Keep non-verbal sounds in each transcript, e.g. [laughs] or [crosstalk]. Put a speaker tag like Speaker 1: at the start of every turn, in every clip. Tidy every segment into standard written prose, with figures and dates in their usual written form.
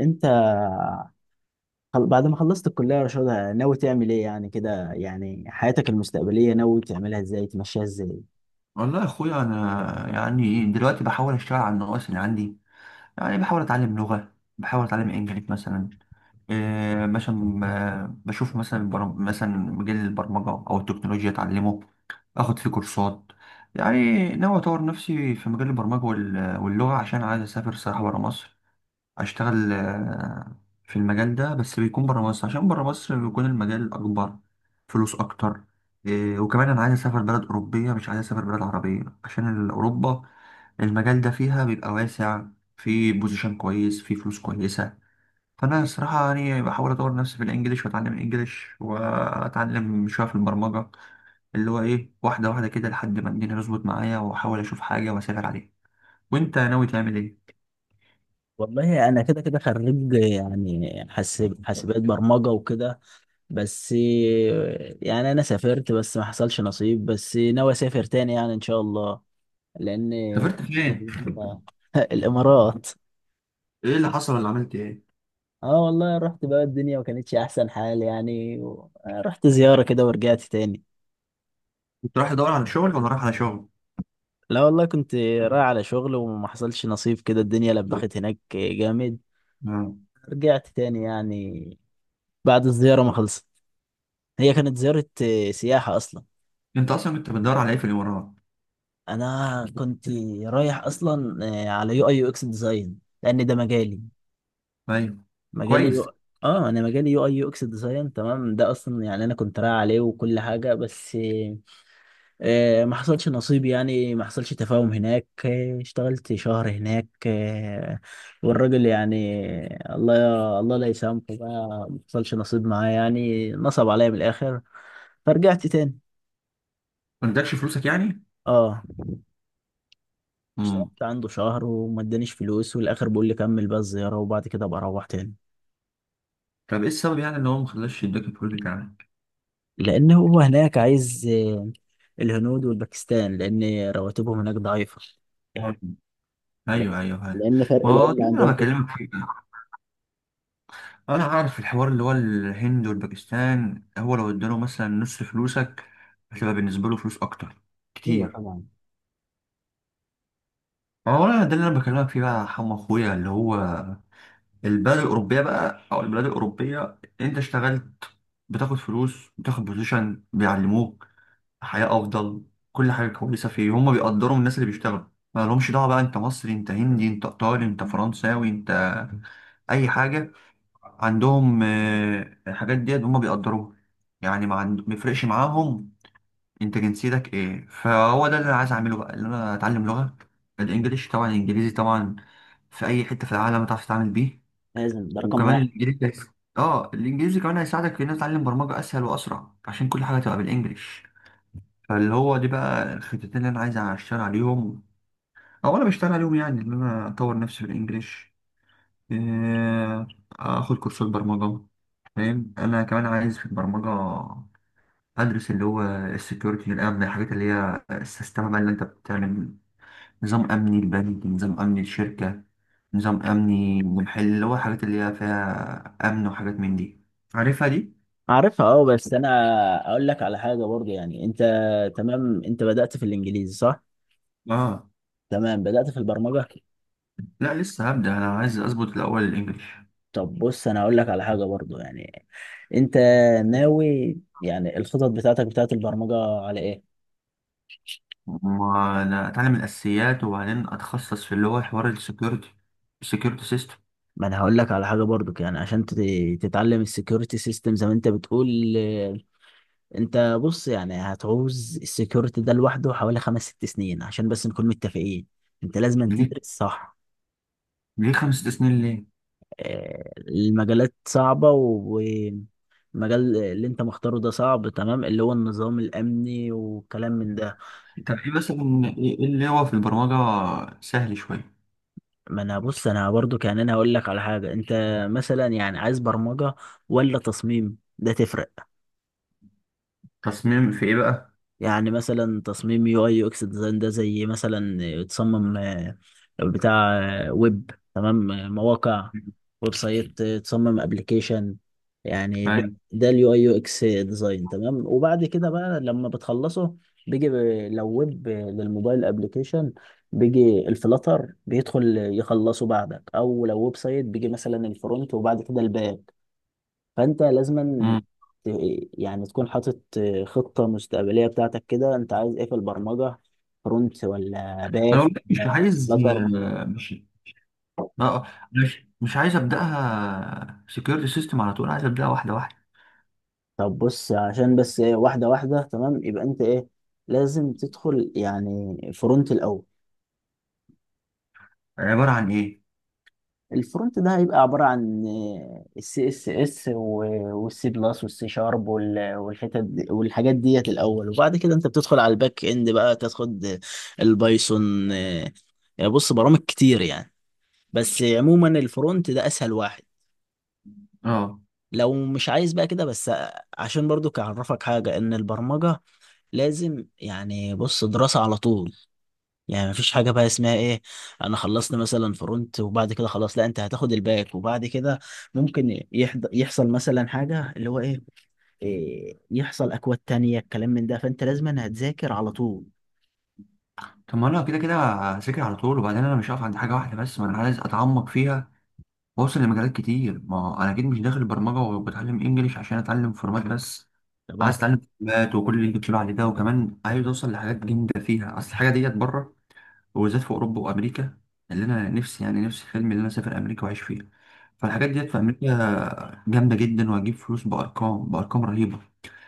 Speaker 1: انت بعد ما خلصت الكلية يا رشاد، ناوي تعمل ايه؟ يعني كده، يعني حياتك المستقبلية ناوي تعملها ازاي، تمشيها ازاي؟
Speaker 2: والله يا اخويا، انا يعني دلوقتي بحاول اشتغل على النواقص اللي عندي. يعني بحاول اتعلم لغه، بحاول اتعلم انجليزي مثلا. إيه مثلا، بشوف مثلا مثلا مجال البرمجه او التكنولوجيا، اتعلمه. اخد فيه كورسات. يعني ناوي اطور نفسي في مجال البرمجه واللغه، عشان عايز اسافر صراحه بره مصر. اشتغل، في المجال ده، بس بيكون بره مصر، عشان بره مصر بيكون المجال اكبر. فلوس اكتر. وكمان انا عايز اسافر بلد اوروبيه، مش عايز اسافر بلد عربيه، عشان اوروبا المجال ده فيها بيبقى واسع. في بوزيشن كويس، في فلوس كويسه. فانا الصراحه يعني بحاول اطور نفسي في الانجليش، واتعلم انجليش، واتعلم شويه في البرمجه، اللي هو ايه، واحده واحده كده، لحد ما الدنيا تظبط معايا، واحاول اشوف حاجه واسافر عليها. وانت ناوي تعمل ايه؟
Speaker 1: والله انا كده كده خريج، يعني حاسبات برمجه وكده. بس يعني انا سافرت بس ما حصلش نصيب، بس ناوي اسافر تاني يعني ان شاء الله، لان
Speaker 2: سافرت فين؟
Speaker 1: [laughs] الامارات.
Speaker 2: ايه اللي حصل، ولا عملت ايه؟
Speaker 1: اه والله، رحت بقى، الدنيا ما كانتش احسن حال يعني، رحت زياره كده ورجعت تاني.
Speaker 2: كنت رايح ادور على شغل، ولا رايح على شغل؟
Speaker 1: لا والله، كنت رايح على شغل وما حصلش نصيب، كده الدنيا لبخت هناك جامد.
Speaker 2: آه.
Speaker 1: رجعت تاني يعني، بعد الزيارة ما خلصت، هي كانت زيارة سياحة أصلا.
Speaker 2: انت اصلا كنت بتدور على ايه في الامارات؟
Speaker 1: أنا كنت رايح أصلا على يو أي يو إكس ديزاين، لأن ده مجالي.
Speaker 2: ايوه.
Speaker 1: مجالي
Speaker 2: كويس.
Speaker 1: يو... أنا مجالي يو أي يو إكس ديزاين، تمام؟ ده أصلا يعني أنا كنت رايح عليه وكل حاجة، بس ما حصلش نصيب يعني، ما حصلش تفاهم هناك. اشتغلت شهر هناك. والراجل يعني، الله الله لا يسامحه، بقى ما حصلش نصيب معاه يعني، نصب عليا من الاخر فرجعت تاني.
Speaker 2: ما ادكش فلوسك يعني؟
Speaker 1: اه،
Speaker 2: امم.
Speaker 1: اشتغلت عنده شهر وما ادانيش فلوس، والاخر بيقول لي كمل بقى الزياره وبعد كده ابقى اروح تاني.
Speaker 2: طب ايه السبب يعني ان هو ما خلاش يديك الفلوس بتاعك؟
Speaker 1: لان هو هناك عايز الهنود والباكستان، لان رواتبهم هناك ضعيفه،
Speaker 2: آه. ايوه، ايوه، ايوه.
Speaker 1: لان فرق
Speaker 2: ما هو
Speaker 1: العمله
Speaker 2: ده اللي انا
Speaker 1: عندهم كده.
Speaker 2: بكلمك فيه. انا عارف الحوار، اللي هو الهند والباكستان، هو لو اداله مثلا نص فلوسك، هتبقى بالنسبه له فلوس اكتر.
Speaker 1: ايوه
Speaker 2: كتير.
Speaker 1: طبعا.
Speaker 2: ما هو أنا ده اللي انا بكلمك فيه بقى، يا حمو اخويا، اللي هو البلد الأوروبية بقى، أو البلاد الأوروبية، أنت اشتغلت، بتاخد فلوس، بتاخد بوزيشن، بيعلموك حياة أفضل. كل حاجة كويسة فيه، هما بيقدروا الناس اللي بيشتغلوا. ما لهمش دعوة بقى أنت مصري، أنت هندي، أنت إيطالي، أنت فرنساوي، أنت أي حاجة. عندهم الحاجات ديت هما بيقدروها. يعني ما يفرقش معاهم أنت جنسيتك إيه. فهو ده اللي أنا عايز أعمله بقى، اللي أنا أتعلم لغة الإنجليش طبعا، الإنجليزي طبعا، في أي حتة في العالم تعرف تتعامل بيه.
Speaker 1: لازم، ده رقم
Speaker 2: وكمان
Speaker 1: واحد.
Speaker 2: الانجليزي اه، الانجليزي كمان هيساعدك في ان أنت تتعلم برمجه اسهل واسرع، عشان كل حاجه تبقى بالانجلش. فاللي هو دي بقى الخطتين اللي انا عايز اشتغل عليهم، او انا بشتغل عليهم، يعني ان انا اطور نفسي بالانجلش، آه، اخد كورسات برمجه. فاهم. انا كمان عايز في البرمجه ادرس اللي هو السكيورتي، الامن، الحاجات اللي هي السيستم بقى اللي انت بتعمل نظام أمني البنك، نظام أمني الشركة، نظام أمني المحل، اللي هو حاجات اللي هي فيها أمن، وحاجات من دي. عارفها دي؟
Speaker 1: عارفها، اه، بس انا اقول لك على حاجه برضه يعني. انت تمام، انت بدات في الانجليزي، صح؟
Speaker 2: آه.
Speaker 1: تمام. بدات في البرمجه؟
Speaker 2: لا لسه هبدأ. أنا عايز أظبط الأول الإنجليش.
Speaker 1: طب بص، انا اقول لك على حاجه برضه يعني. انت ناوي يعني الخطط بتاعتك بتاعت البرمجه على ايه؟
Speaker 2: وأنا أتعلم الأساسيات، وبعدين أتخصص في اللي هو حوار السكيورتي، السكيورتي سيستم.
Speaker 1: ما انا هقول لك على حاجه برضك يعني. عشان تتعلم السكيورتي سيستم زي ما انت بتقول، انت بص يعني هتعوز السكيورتي ده لوحده حوالي 5 6 سنين، عشان بس نكون متفقين. انت لازم
Speaker 2: ليه؟
Speaker 1: تدرس، صح.
Speaker 2: ليه خمس ست سنين ليه؟
Speaker 1: المجالات صعبة. المجال اللي انت مختاره ده صعب تمام، اللي هو النظام الامني وكلام من ده.
Speaker 2: طب إيه مثلا، إيه اللي هو في البرمجة سهل شوية؟
Speaker 1: ما انا بص، انا برضو كان هقول لك على حاجه. انت مثلا يعني عايز برمجه ولا تصميم؟ ده تفرق.
Speaker 2: تصميم في إيه بقى؟
Speaker 1: يعني مثلا تصميم يو اي يو اكس ديزاين، ده زي مثلا تصمم بتاع ويب، تمام؟ مواقع، ويب سايت، تصمم ابلكيشن. يعني ده،
Speaker 2: أيوة.
Speaker 1: ده اليو اي يو اكس ديزاين، تمام؟ وبعد كده بقى لما بتخلصه، بيجي لو ويب للموبايل ابلكيشن بيجي الفلاتر بيدخل يخلصه بعدك، او لو ويب سايت بيجي مثلا الفرونت وبعد كده الباك. فانت لازما
Speaker 2: مم.
Speaker 1: ت- يعني تكون حاطط خطة مستقبلية بتاعتك كده، انت عايز ايه في البرمجة؟ فرونت ولا باك
Speaker 2: أنا والله مش
Speaker 1: ولا
Speaker 2: عايز.
Speaker 1: فلاتر؟
Speaker 2: مش اه اه مش مش عايز ابداها سكيورتي سيستم على طول، عايز ابداها واحده واحده.
Speaker 1: طب بص، عشان بس واحدة واحدة، تمام. يبقى انت ايه، لازم تدخل يعني فرونت الاول.
Speaker 2: عباره عن ايه؟
Speaker 1: الفرونت ده هيبقى عبارة عن السي اس اس والسي بلس والسي شارب والحاجات ديت الاول، وبعد كده انت بتدخل على الباك اند بقى، تاخد البايثون. بص، برامج كتير يعني، بس عموما الفرونت ده اسهل واحد.
Speaker 2: اه.
Speaker 1: لو مش عايز بقى كده بس، عشان برضو اعرفك حاجه، ان البرمجه لازم يعني، بص، دراسه على طول. يعني مفيش حاجه بقى اسمها ايه، انا خلصت مثلا فرونت وبعد كده خلاص. لا، انت هتاخد الباك، وبعد كده ممكن يحصل مثلا حاجه اللي هو ايه، يحصل اكواد تانية الكلام من ده، فانت لازم هتذاكر على طول.
Speaker 2: طب ما انا كده كده هذاكر على طول، وبعدين انا مش هقف عند حاجه واحده بس، ما انا عايز اتعمق فيها واوصل لمجالات كتير. ما هو انا اكيد مش داخل برمجه وبتعلم انجليش عشان اتعلم فورمات بس.
Speaker 1: طب
Speaker 2: عايز
Speaker 1: أنا-
Speaker 2: اتعلم فورمات وكل اللي انت بتقول عليه ده، وكمان عايز اوصل لحاجات جامده فيها، اصل الحاجه ديت بره، وبالذات في اوروبا وامريكا. اللي انا نفسي نفسي حلمي، اللي انا اسافر امريكا واعيش فيها. فالحاجات ديت في امريكا جامده جدا، وهجيب فلوس بارقام بارقام رهيبه.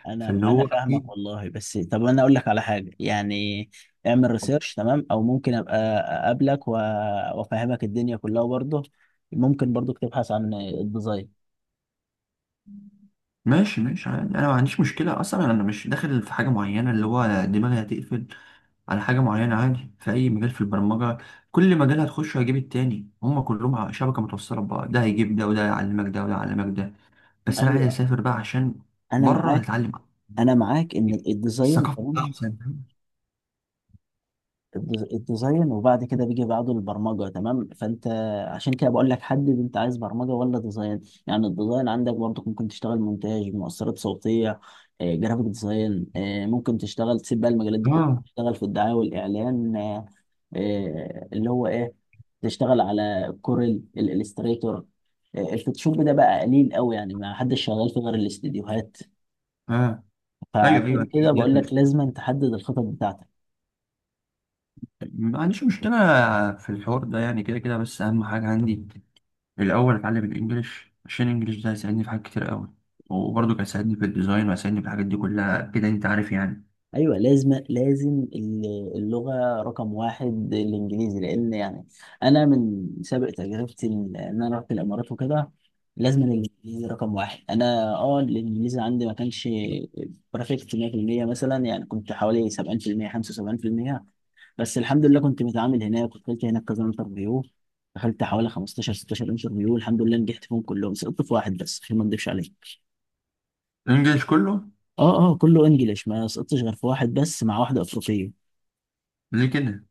Speaker 1: انا
Speaker 2: فاللي
Speaker 1: انا
Speaker 2: هو
Speaker 1: فاهمك
Speaker 2: اكيد.
Speaker 1: والله، بس طب انا اقول لك على حاجه يعني. اعمل ريسيرش، تمام؟ او ممكن ابقى وافهمك الدنيا كلها برضه. ممكن برضه تبحث عن الديزاين.
Speaker 2: ماشي، ماشي، عادي. انا ما عنديش مشكله اصلا، انا مش داخل في حاجه معينه اللي هو دماغي هتقفل على حاجه معينه. عادي في اي مجال في البرمجه. كل مجال هتخشه هيجيب التاني، هما كلهم شبكه متوصله ببعض، ده هيجيب ده، وده يعلمك ده، وده يعلمك ده. بس انا عايز
Speaker 1: ايوه،
Speaker 2: اسافر بقى، عشان
Speaker 1: انا
Speaker 2: بره
Speaker 1: معاك.
Speaker 2: هتعلم،
Speaker 1: ان الديزاين
Speaker 2: الثقافه
Speaker 1: تمام،
Speaker 2: احسن.
Speaker 1: الديزاين، وبعد كده بيجي بعده البرمجه، تمام؟ فانت عشان كده بقول لك حدد، انت عايز برمجه ولا ديزاين؟ يعني الديزاين عندك برضه ممكن تشتغل مونتاج، مؤثرات صوتيه، جرافيك ديزاين. ممكن تشتغل، تسيب بقى المجالات دي كلها،
Speaker 2: اه،
Speaker 1: تشتغل في الدعايه والاعلان. اللي هو ايه، تشتغل على كوريل، الالستريتور. الفوتوشوب ده بقى قليل قوي يعني، ما حدش شغال فيه غير الاستديوهات.
Speaker 2: اه. ايوه،
Speaker 1: فعشان
Speaker 2: ايوه.
Speaker 1: كده بقول لك لازم تحدد الخطط بتاعتك.
Speaker 2: ما عنديش مشكله في الحوار ده يعني، كده كده، بس اهم حاجه عندي الأول أتعلم الإنجليش، عشان الإنجليش ده هيساعدني في حاجات كتير أوي، وبرضه كان هيساعدني في الديزاين، وهيساعدني في الحاجات دي كلها، كده أنت عارف يعني.
Speaker 1: ايوه، لازم لازم. اللغه رقم واحد الانجليزي، لان يعني انا من سابق تجربتي، ان انا رحت الامارات وكده، لازم الانجليزي رقم واحد. انا الانجليزي عندي ما كانش بيرفكت 100% مثلا، يعني كنت حوالي 70% 75%. بس الحمد لله كنت متعامل هناك، ودخلت هناك كذا انترفيو، دخلت حوالي 15 16 انترفيو، الحمد لله نجحت فيهم كلهم، سقطت في واحد بس عشان ما اكدبش عليك.
Speaker 2: الإنجليش كله؟
Speaker 1: اه اه، كله انجليش، ما سقطتش غير في واحد بس، مع واحده افريقيه.
Speaker 2: ليه كده؟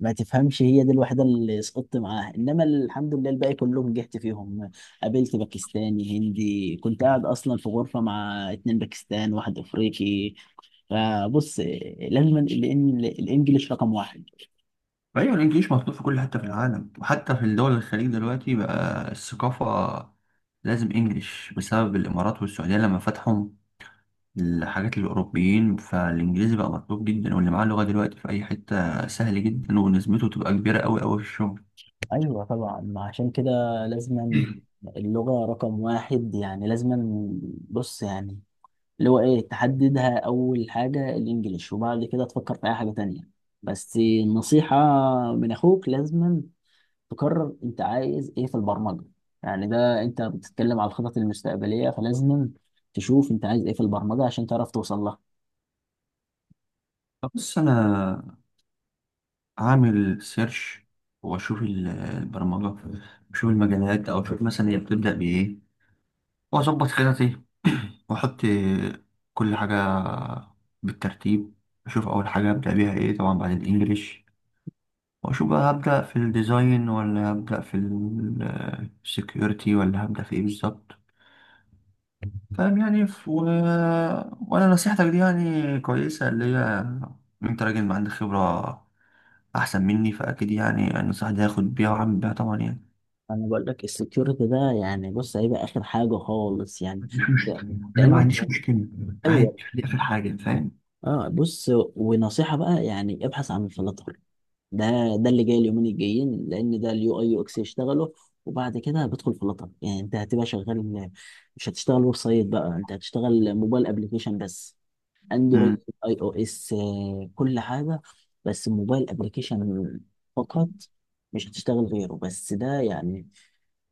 Speaker 1: ما تفهمش، هي دي الوحيدة اللي سقطت معاها، انما الحمد لله الباقي كلهم نجحت فيهم. قابلت باكستاني، هندي، كنت قاعد اصلا في غرفة مع 2 باكستان، واحد افريقي. فبص، لازم الانجليش رقم واحد.
Speaker 2: أيوة، الإنجليش مطلوب في كل حتة في العالم، وحتى في الدول الخليج دلوقتي بقى الثقافة لازم إنجليش، بسبب الإمارات والسعودية لما فتحوا الحاجات للأوروبيين، فالإنجليزي بقى مطلوب جدا، واللي معاه لغة دلوقتي في أي حتة سهل جدا، ونسبته تبقى كبيرة أوي أوي في الشغل.
Speaker 1: ايوه طبعا، ما عشان كده لازم اللغة رقم واحد يعني، لازم. بص يعني، اللي هو ايه، تحددها اول حاجة الانجليش، وبعد كده تفكر في اي حاجة تانية. بس النصيحة من اخوك، لازم تقرر انت عايز ايه في البرمجه. يعني ده انت بتتكلم على الخطط المستقبليه، فلازم تشوف انت عايز ايه في البرمجه عشان تعرف توصل لها.
Speaker 2: طب بص أنا اعمل سيرش، واشوف البرمجه، اشوف المجالات او اشوف مثلا هي بتبدا بايه، واظبط خططي [clears throat] واحط كل حاجه بالترتيب. اشوف اول حاجه ابدا بيها ايه، طبعا بعد الانجليش، واشوف بقى هبدا في الديزاين ولا هبدا في السكيورتي ولا هبدا في ايه بالظبط. فاهم يعني. وانا نصيحتك دي يعني كويسه، اللي هي إن انت راجل ما عندك خبره احسن مني، فاكيد يعني النصيحه دي هاخد بيها واعمل بيها طبعا يعني.
Speaker 1: انا بقول لك السكيورتي ده يعني، بص، هيبقى اخر حاجه خالص يعني،
Speaker 2: مش مشكله، انا
Speaker 1: لان
Speaker 2: ما عنديش
Speaker 1: انت.
Speaker 2: مشكله. عادي،
Speaker 1: ايوه.
Speaker 2: دي اخر حاجه، فاهم.
Speaker 1: اه، بص، ونصيحه بقى يعني، ابحث عن الفلاتر. ده ده اللي جاي اليومين الجايين، لان ده اليو اي يو اكس يشتغلوا، وبعد كده بدخل فلاتر. يعني انت هتبقى شغال، مش هتشتغل ويب سايت بقى، انت هتشتغل موبايل ابلكيشن بس، اندرويد،
Speaker 2: امم.
Speaker 1: اي او اس، كل حاجه. بس الموبايل ابلكيشن فقط، مش هتشتغل غيره. بس ده يعني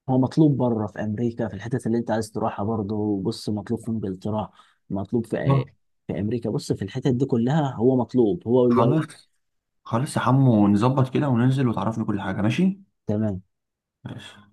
Speaker 1: هو مطلوب بره، في امريكا، في الحتت اللي انت عايز تروحها برضه. بص، مطلوب في انجلترا، مطلوب في في امريكا. بص في الحتت دي كلها هو مطلوب، هو واليو
Speaker 2: خلاص،
Speaker 1: آي.
Speaker 2: خلاص يا حمو، نظبط كده وننزل وتعرفني كل حاجه، ماشي.
Speaker 1: تمام.
Speaker 2: ماشي.